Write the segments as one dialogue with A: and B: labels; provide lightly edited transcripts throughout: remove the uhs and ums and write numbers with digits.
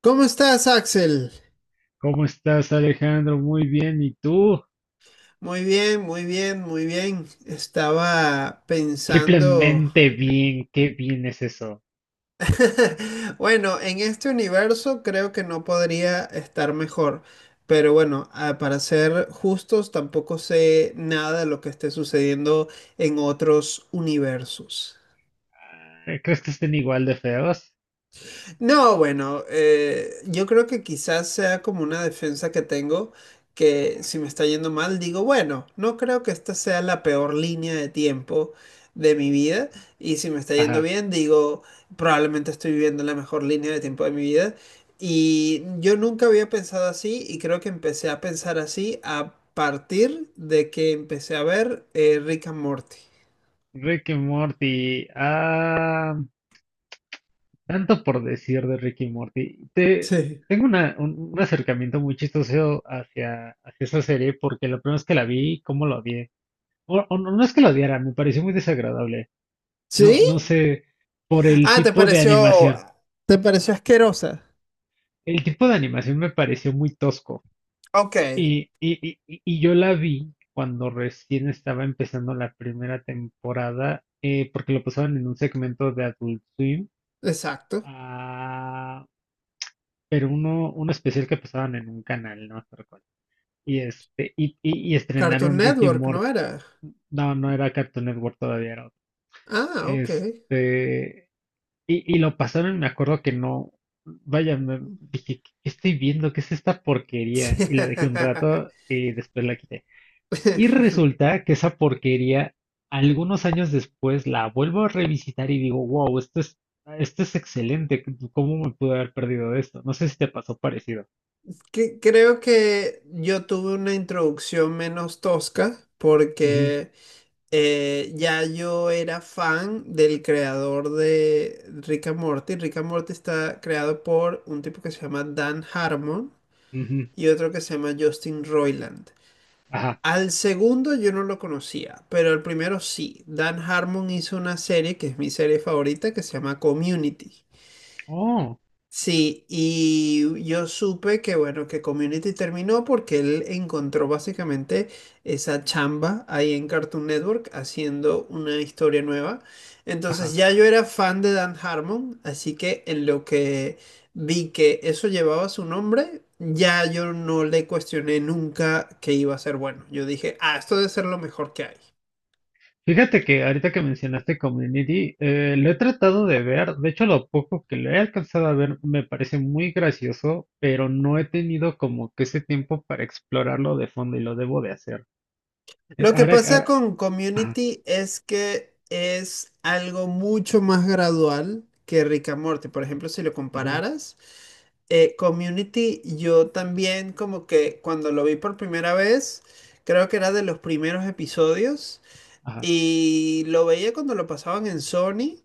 A: ¿Cómo estás, Axel?
B: ¿Cómo estás, Alejandro? Muy bien. ¿Y tú?
A: Muy bien, muy bien, muy bien. Estaba pensando,
B: Triplemente bien. Qué bien es eso.
A: bueno, en este universo creo que no podría estar mejor, pero bueno, para ser justos, tampoco sé nada de lo que esté sucediendo en otros universos.
B: Ay, ¿crees que estén igual de feos?
A: No, bueno, yo creo que quizás sea como una defensa que tengo, que
B: Ajá.
A: si me está yendo mal, digo, bueno, no creo que esta sea la peor línea de tiempo de mi vida, y si me está yendo
B: Ajá.
A: bien, digo, probablemente estoy viviendo la mejor línea de tiempo de mi vida, y yo nunca había pensado así, y creo que empecé a pensar así a partir de que empecé a ver Rick and Morty.
B: Rick y Morty. Ah, tanto por decir de Rick y Morty.
A: Sí.
B: Tengo un acercamiento muy chistoso hacia esa serie, porque la primera vez que la vi, ¿cómo lo odié? O no, no es que lo odiara, me pareció muy desagradable. No,
A: ¿Sí?
B: no sé, por el
A: Ah,
B: tipo de animación.
A: te pareció asquerosa?
B: El tipo de animación me pareció muy tosco.
A: Ok.
B: Y yo la vi cuando recién estaba empezando la primera temporada, porque lo pasaban en un segmento de Adult Swim,
A: Exacto.
B: ah, pero uno especial que pasaban en un canal, no me acuerdo cuál. Y
A: Cartoon
B: estrenaron Ricky
A: Network, ¿no
B: Morty.
A: era?
B: No, no era Cartoon Network todavía, era otro.
A: Ah, ok.
B: Este, y lo pasaron, me acuerdo que no, vaya, dije, qué estoy viendo? ¿Qué es esta
A: Sí.
B: porquería? Y la dejé un rato y después la quité. Y resulta que esa porquería, algunos años después, la vuelvo a revisitar y digo, wow, esto es excelente. ¿Cómo me pude haber perdido de esto? No sé si te pasó parecido.
A: Creo que yo tuve una introducción menos tosca
B: Ujú,
A: porque ya yo era fan del creador de Rick and Morty. Rick and Morty está creado por un tipo que se llama Dan Harmon
B: ujú.
A: y otro que se llama Justin Roiland.
B: Ajá.
A: Al segundo yo no lo conocía, pero el primero sí. Dan Harmon hizo una serie que es mi serie favorita que se llama Community.
B: Oh,
A: Sí, y yo supe que bueno, que Community terminó porque él encontró básicamente esa chamba ahí en Cartoon Network haciendo una historia nueva. Entonces
B: ajá.
A: ya yo era fan de Dan Harmon, así que en lo que vi que eso llevaba su nombre, ya yo no le cuestioné nunca que iba a ser bueno. Yo dije, ah, esto debe ser lo mejor que hay.
B: Fíjate que ahorita que mencionaste Community, lo he tratado de ver. De hecho, lo poco que lo he alcanzado a ver me parece muy gracioso, pero no he tenido como que ese tiempo para explorarlo de fondo y lo debo de hacer.
A: Lo que pasa
B: Ahora,
A: con
B: ajá,
A: Community es que es algo mucho más gradual que Rick and Morty. Por ejemplo, si lo
B: ujú,
A: compararas, Community, yo también como que cuando lo vi por primera vez, creo que era de los primeros episodios
B: ajá,
A: y lo veía cuando lo pasaban en Sony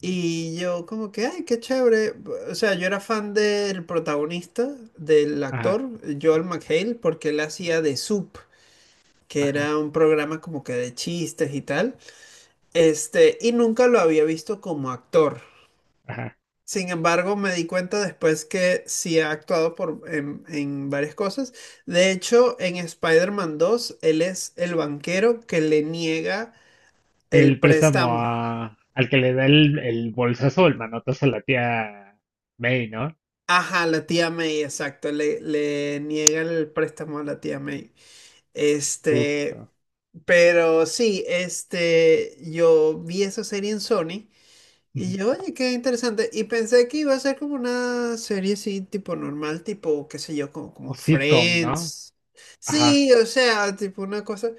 A: y yo como que, ay, qué chévere. O sea, yo era fan del protagonista, del
B: ajá,
A: actor, Joel McHale, porque él hacía de Soup que
B: ajá.
A: era un programa como que de chistes y tal, este, y nunca lo había visto como actor.
B: Ajá.
A: Sin embargo, me di cuenta después que sí ha actuado en varias cosas. De hecho, en Spider-Man 2, él es el banquero que le niega el
B: El préstamo
A: préstamo.
B: al que le da el bolsazo, el manotazo a la tía May, ¿no?
A: Ajá, la tía May, exacto, le niega el préstamo a la tía May. Este,
B: Justo.
A: pero sí, este, yo vi esa serie en Sony. Y
B: Ujú.
A: yo, oye, qué interesante. Y pensé que iba a ser como una serie así, tipo normal, tipo, qué sé yo, como,
B: O
A: como
B: sitcom, ¿no?
A: Friends.
B: Ajá,
A: Sí, o sea, tipo una cosa.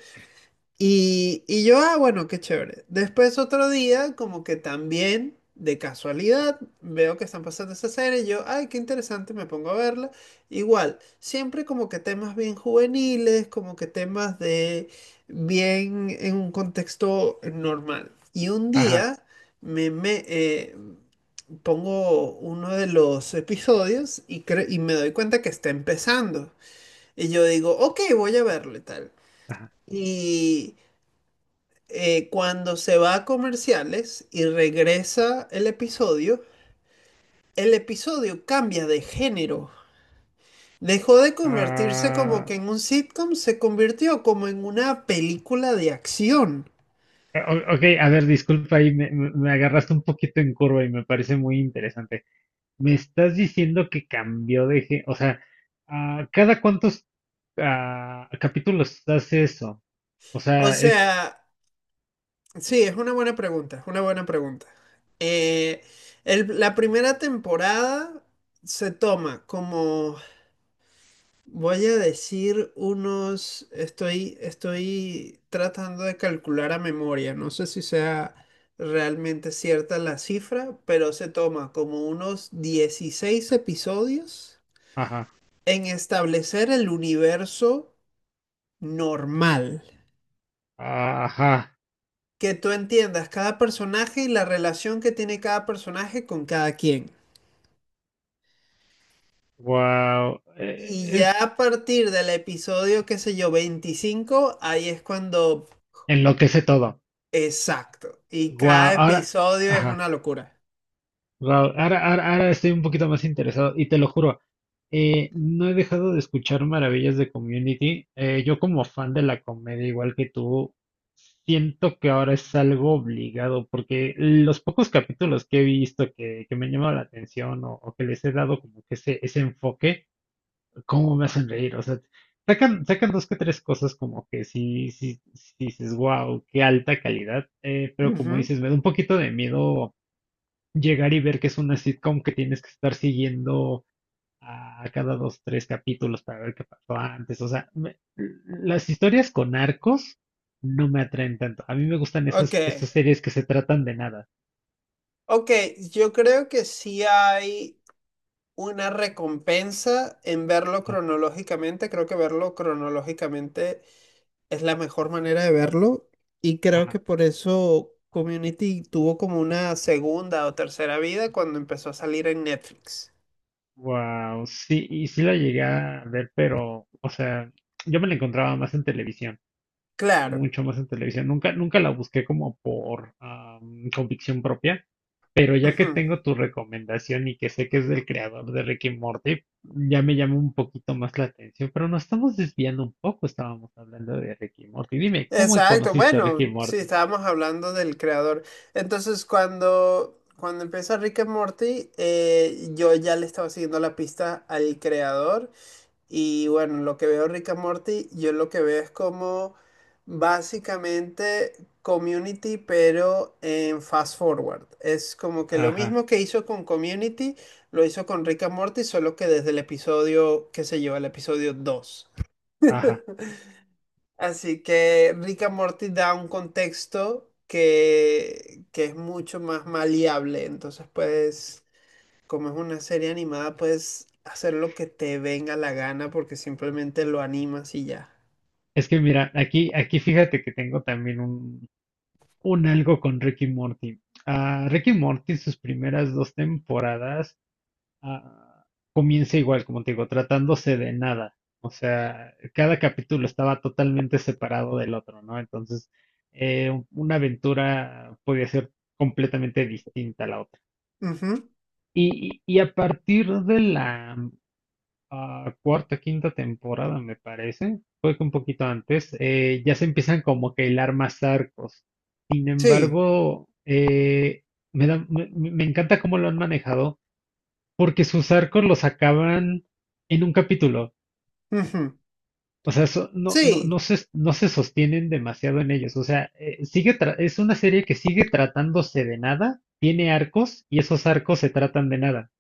A: Y yo, ah, bueno, qué chévere. Después otro día, como que también, de casualidad, veo que están pasando esa serie y yo, ay, qué interesante, me pongo a verla. Igual, siempre como que temas bien juveniles, como que temas de bien en un contexto normal. Y un
B: ajá,
A: día me, me pongo uno de los episodios y, y me doy cuenta que está empezando. Y yo digo, ok, voy a verlo y tal
B: ajá.
A: cuando se va a comerciales y regresa el episodio cambia de género. Dejó de convertirse como
B: Ah,
A: que en un sitcom, se convirtió como en una película de acción.
B: ok, a ver, disculpa, ahí me agarraste un poquito en curva y me parece muy interesante. Me estás diciendo que cambió de... O sea, ah, ¿cada cuántos capítulos hace eso? O
A: O
B: sea, es...
A: sea, sí, es una buena pregunta, es una buena pregunta. Eh, la primera temporada se toma como. Voy a decir unos, estoy tratando de calcular a memoria, no sé si sea realmente cierta la cifra, pero se toma como unos 16 episodios
B: Ajá,
A: en establecer el universo normal,
B: ajá.
A: que tú entiendas cada personaje y la relación que tiene cada personaje con cada quien.
B: Wow.
A: Y ya a partir del episodio, qué sé yo, 25 ahí es cuando.
B: Enloquece todo.
A: Exacto. Y
B: Guau,
A: cada
B: ahora,
A: episodio es
B: ajá,
A: una locura.
B: Raúl, ahora ahora estoy un poquito más interesado y te lo juro, no he dejado de escuchar maravillas de Community. Yo, como fan de la comedia, igual que tú, siento que ahora es algo obligado, porque los pocos capítulos que he visto que me han llamado la atención, o que les he dado como que ese enfoque, ¿cómo me hacen reír? O sea, sacan dos que tres cosas como que sí, sí dices, wow, qué alta calidad. Pero como
A: Ujú.
B: dices, me da un poquito de miedo llegar y ver que es una sitcom que tienes que estar siguiendo a cada dos, tres capítulos para ver qué pasó antes. O sea, las historias con arcos no me atraen tanto. A mí me gustan
A: Ok,
B: esas, esas series que se tratan de nada.
A: ok, yo creo que sí hay una recompensa en verlo
B: Ajá.
A: cronológicamente. Creo que verlo cronológicamente es la mejor manera de verlo y creo que
B: Ajá.
A: por eso Community tuvo como una segunda o tercera vida cuando empezó a salir en Netflix.
B: Wow, sí, y sí la llegué a ver, pero, o sea, yo me la encontraba más en televisión.
A: Claro.
B: Mucho más en televisión. Nunca, nunca la busqué como por convicción propia, pero ya que
A: Ujú.
B: tengo tu recomendación y que sé que es del creador de Rick y Morty, ya me llama un poquito más la atención. Pero nos estamos desviando un poco, estábamos hablando de Rick y Morty. Dime, ¿cómo
A: Exacto,
B: conociste a Rick y
A: bueno, sí,
B: Morty?
A: estábamos hablando del creador. Entonces, cuando empieza Rick and Morty, yo ya le estaba siguiendo la pista al creador. Y bueno, lo que veo Rick and Morty, yo lo que veo es como básicamente Community, pero en fast forward. Es como que lo
B: Ajá,
A: mismo que hizo con Community, lo hizo con Rick and Morty, solo que desde el episodio, qué sé yo, el episodio 2.
B: ajá.
A: Así que Rick and Morty da un contexto que es mucho más maleable. Entonces puedes, como es una serie animada, puedes hacer lo que te venga la gana porque simplemente lo animas y ya.
B: Es que mira, aquí fíjate que tengo también un algo con Rick y Morty. A Rick y Morty, sus primeras dos temporadas, ah, comienza igual, como te digo, tratándose de nada. O sea, cada capítulo estaba totalmente separado del otro, ¿no? Entonces, una aventura podía ser completamente distinta a la otra.
A: Ujú.
B: Y a partir de la cuarta, quinta temporada, me parece, fue que un poquito antes, ya se empiezan como que a hilar más arcos. Sin
A: Sí.
B: embargo, me da- me me- me encanta cómo lo han manejado, porque sus arcos los acaban en un capítulo.
A: Ujú.
B: O sea, no, no,
A: Sí.
B: no se sostienen demasiado en ellos. O sea, es una serie que sigue tratándose de nada, tiene arcos y esos arcos se tratan de nada.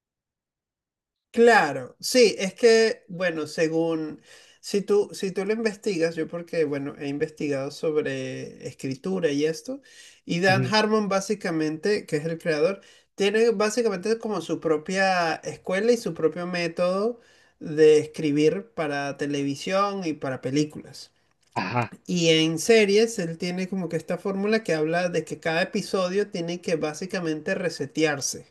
A: Claro, sí, es que, bueno, según, si tú lo investigas, yo porque, bueno, he investigado sobre escritura y esto, y Dan
B: Ujú.
A: Harmon básicamente, que es el creador, tiene básicamente como su propia escuela y su propio método de escribir para televisión y para películas.
B: Ajá,
A: Y en series, él tiene como que esta fórmula que habla de que cada episodio tiene que básicamente resetearse.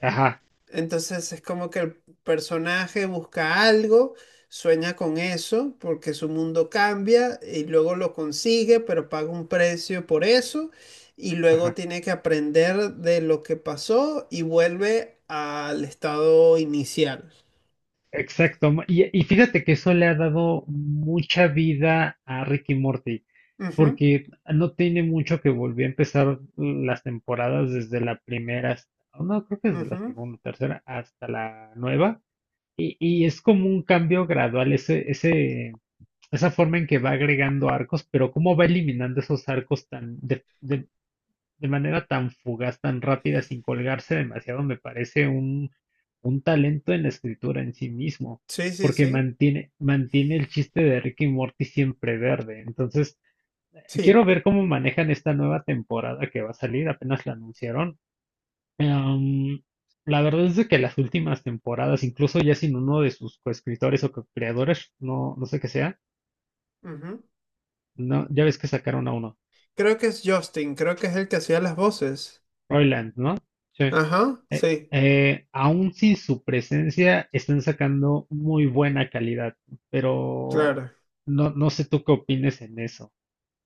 B: ajá,
A: Entonces es como que el personaje busca algo, sueña con eso, porque su mundo cambia y luego lo consigue, pero paga un precio por eso y luego
B: ajá.
A: tiene que aprender de lo que pasó y vuelve al estado inicial.
B: Exacto. Y fíjate que eso le ha dado mucha vida a Rick y Morty, porque no tiene mucho que volvió a empezar las temporadas desde la primera, no, creo que desde
A: Ujú,
B: la
A: ujú.
B: segunda, tercera, hasta la nueva. Y es como un cambio gradual, ese, esa forma en que va agregando arcos, pero cómo va eliminando esos arcos de manera tan fugaz, tan rápida, sin colgarse demasiado. Me parece un talento en la escritura en sí mismo,
A: Sí, sí,
B: porque
A: sí,
B: mantiene, mantiene el chiste de Rick y Morty siempre verde. Entonces,
A: sí.
B: quiero ver cómo manejan esta nueva temporada que va a salir, apenas la anunciaron. Em, la verdad es de que las últimas temporadas, incluso ya sin uno de sus coescritores o co-creadores, no, no sé qué sea,
A: Ujú.
B: no, ya ves que sacaron a uno,
A: Creo que es Justin, creo que es el que hacía las voces.
B: Roiland, ¿no? Sí.
A: Ajá, sí,
B: Aún sin su presencia, están sacando muy buena calidad, pero
A: claro.
B: no, no sé tú qué opines en eso.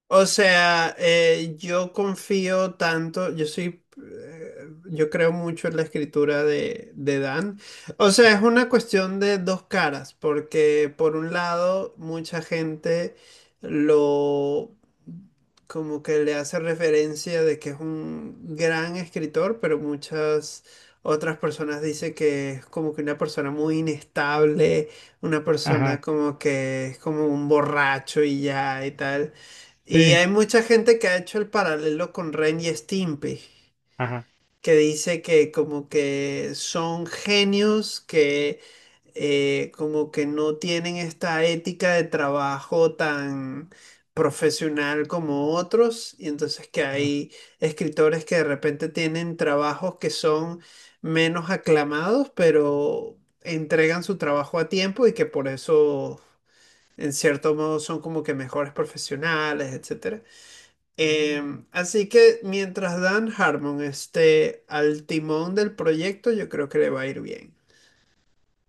A: O sea, yo confío tanto, yo soy, yo creo mucho en la escritura de Dan. O sea, es
B: Ajá,
A: una cuestión de dos caras, porque por un lado, mucha gente lo, como que le hace referencia de que es un gran escritor, pero muchas otras personas dicen que es como que una persona muy inestable, una persona
B: ajá,
A: como que es como un borracho y ya y tal. Y
B: sí,
A: hay mucha gente que ha hecho el paralelo con Ren y Stimpy,
B: ajá,
A: que dice que como que son genios que como que no tienen esta ética de trabajo tan profesional como otros, y entonces que
B: ajá.
A: hay escritores que de repente tienen trabajos que son menos aclamados, pero entregan su trabajo a tiempo y que por eso en cierto modo son como que mejores profesionales, etcétera.
B: Ah.
A: Así que mientras Dan Harmon esté al timón del proyecto, yo creo que le va a ir bien.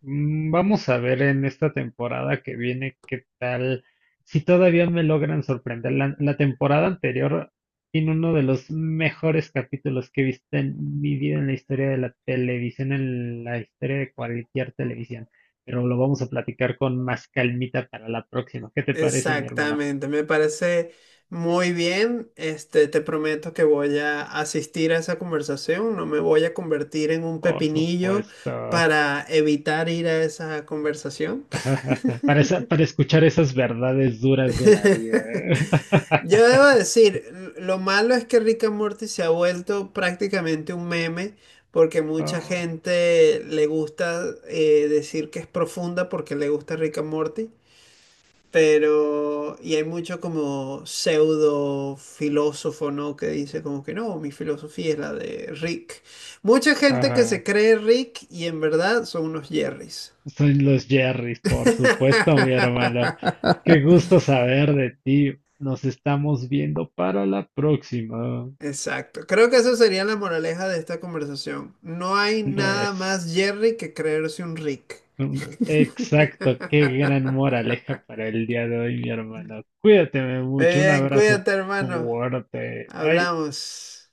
B: Vamos a ver en esta temporada que viene qué tal, si todavía me logran sorprender. La temporada anterior tiene uno de los mejores capítulos que he visto en mi vida, en la historia de la televisión, en la historia de cualquier televisión. Pero lo vamos a platicar con más calmita para la próxima. ¿Qué te parece, mi hermana?
A: Exactamente, me parece muy bien. Este, te prometo que voy a asistir a esa conversación. No me voy a convertir en un
B: Por
A: pepinillo
B: supuesto.
A: para evitar ir a esa conversación.
B: Para escuchar esas verdades duras de la vida.
A: Yo debo decir, lo malo es que Rick and Morty se ha vuelto prácticamente un meme porque mucha
B: Oh,
A: gente le gusta decir que es profunda porque le gusta Rick and Morty, pero y hay mucho como pseudo filósofo, ¿no? Que dice como que no, mi filosofía es la de Rick. Mucha gente que se
B: ajá.
A: cree Rick y en verdad son unos Jerrys.
B: Son los Jerrys, por supuesto, mi hermano. Qué gusto saber de ti. Nos estamos viendo para la próxima.
A: Exacto. Creo que esa sería la moraleja de esta conversación. No hay
B: Lo
A: nada
B: es.
A: más Jerry que creerse un Rick.
B: Mm, Exacto, qué gran moraleja para el día de hoy, mi hermano. Cuídate
A: Muy
B: mucho, un
A: bien,
B: abrazo
A: cuídate, hermano.
B: fuerte. Bye.
A: Hablamos.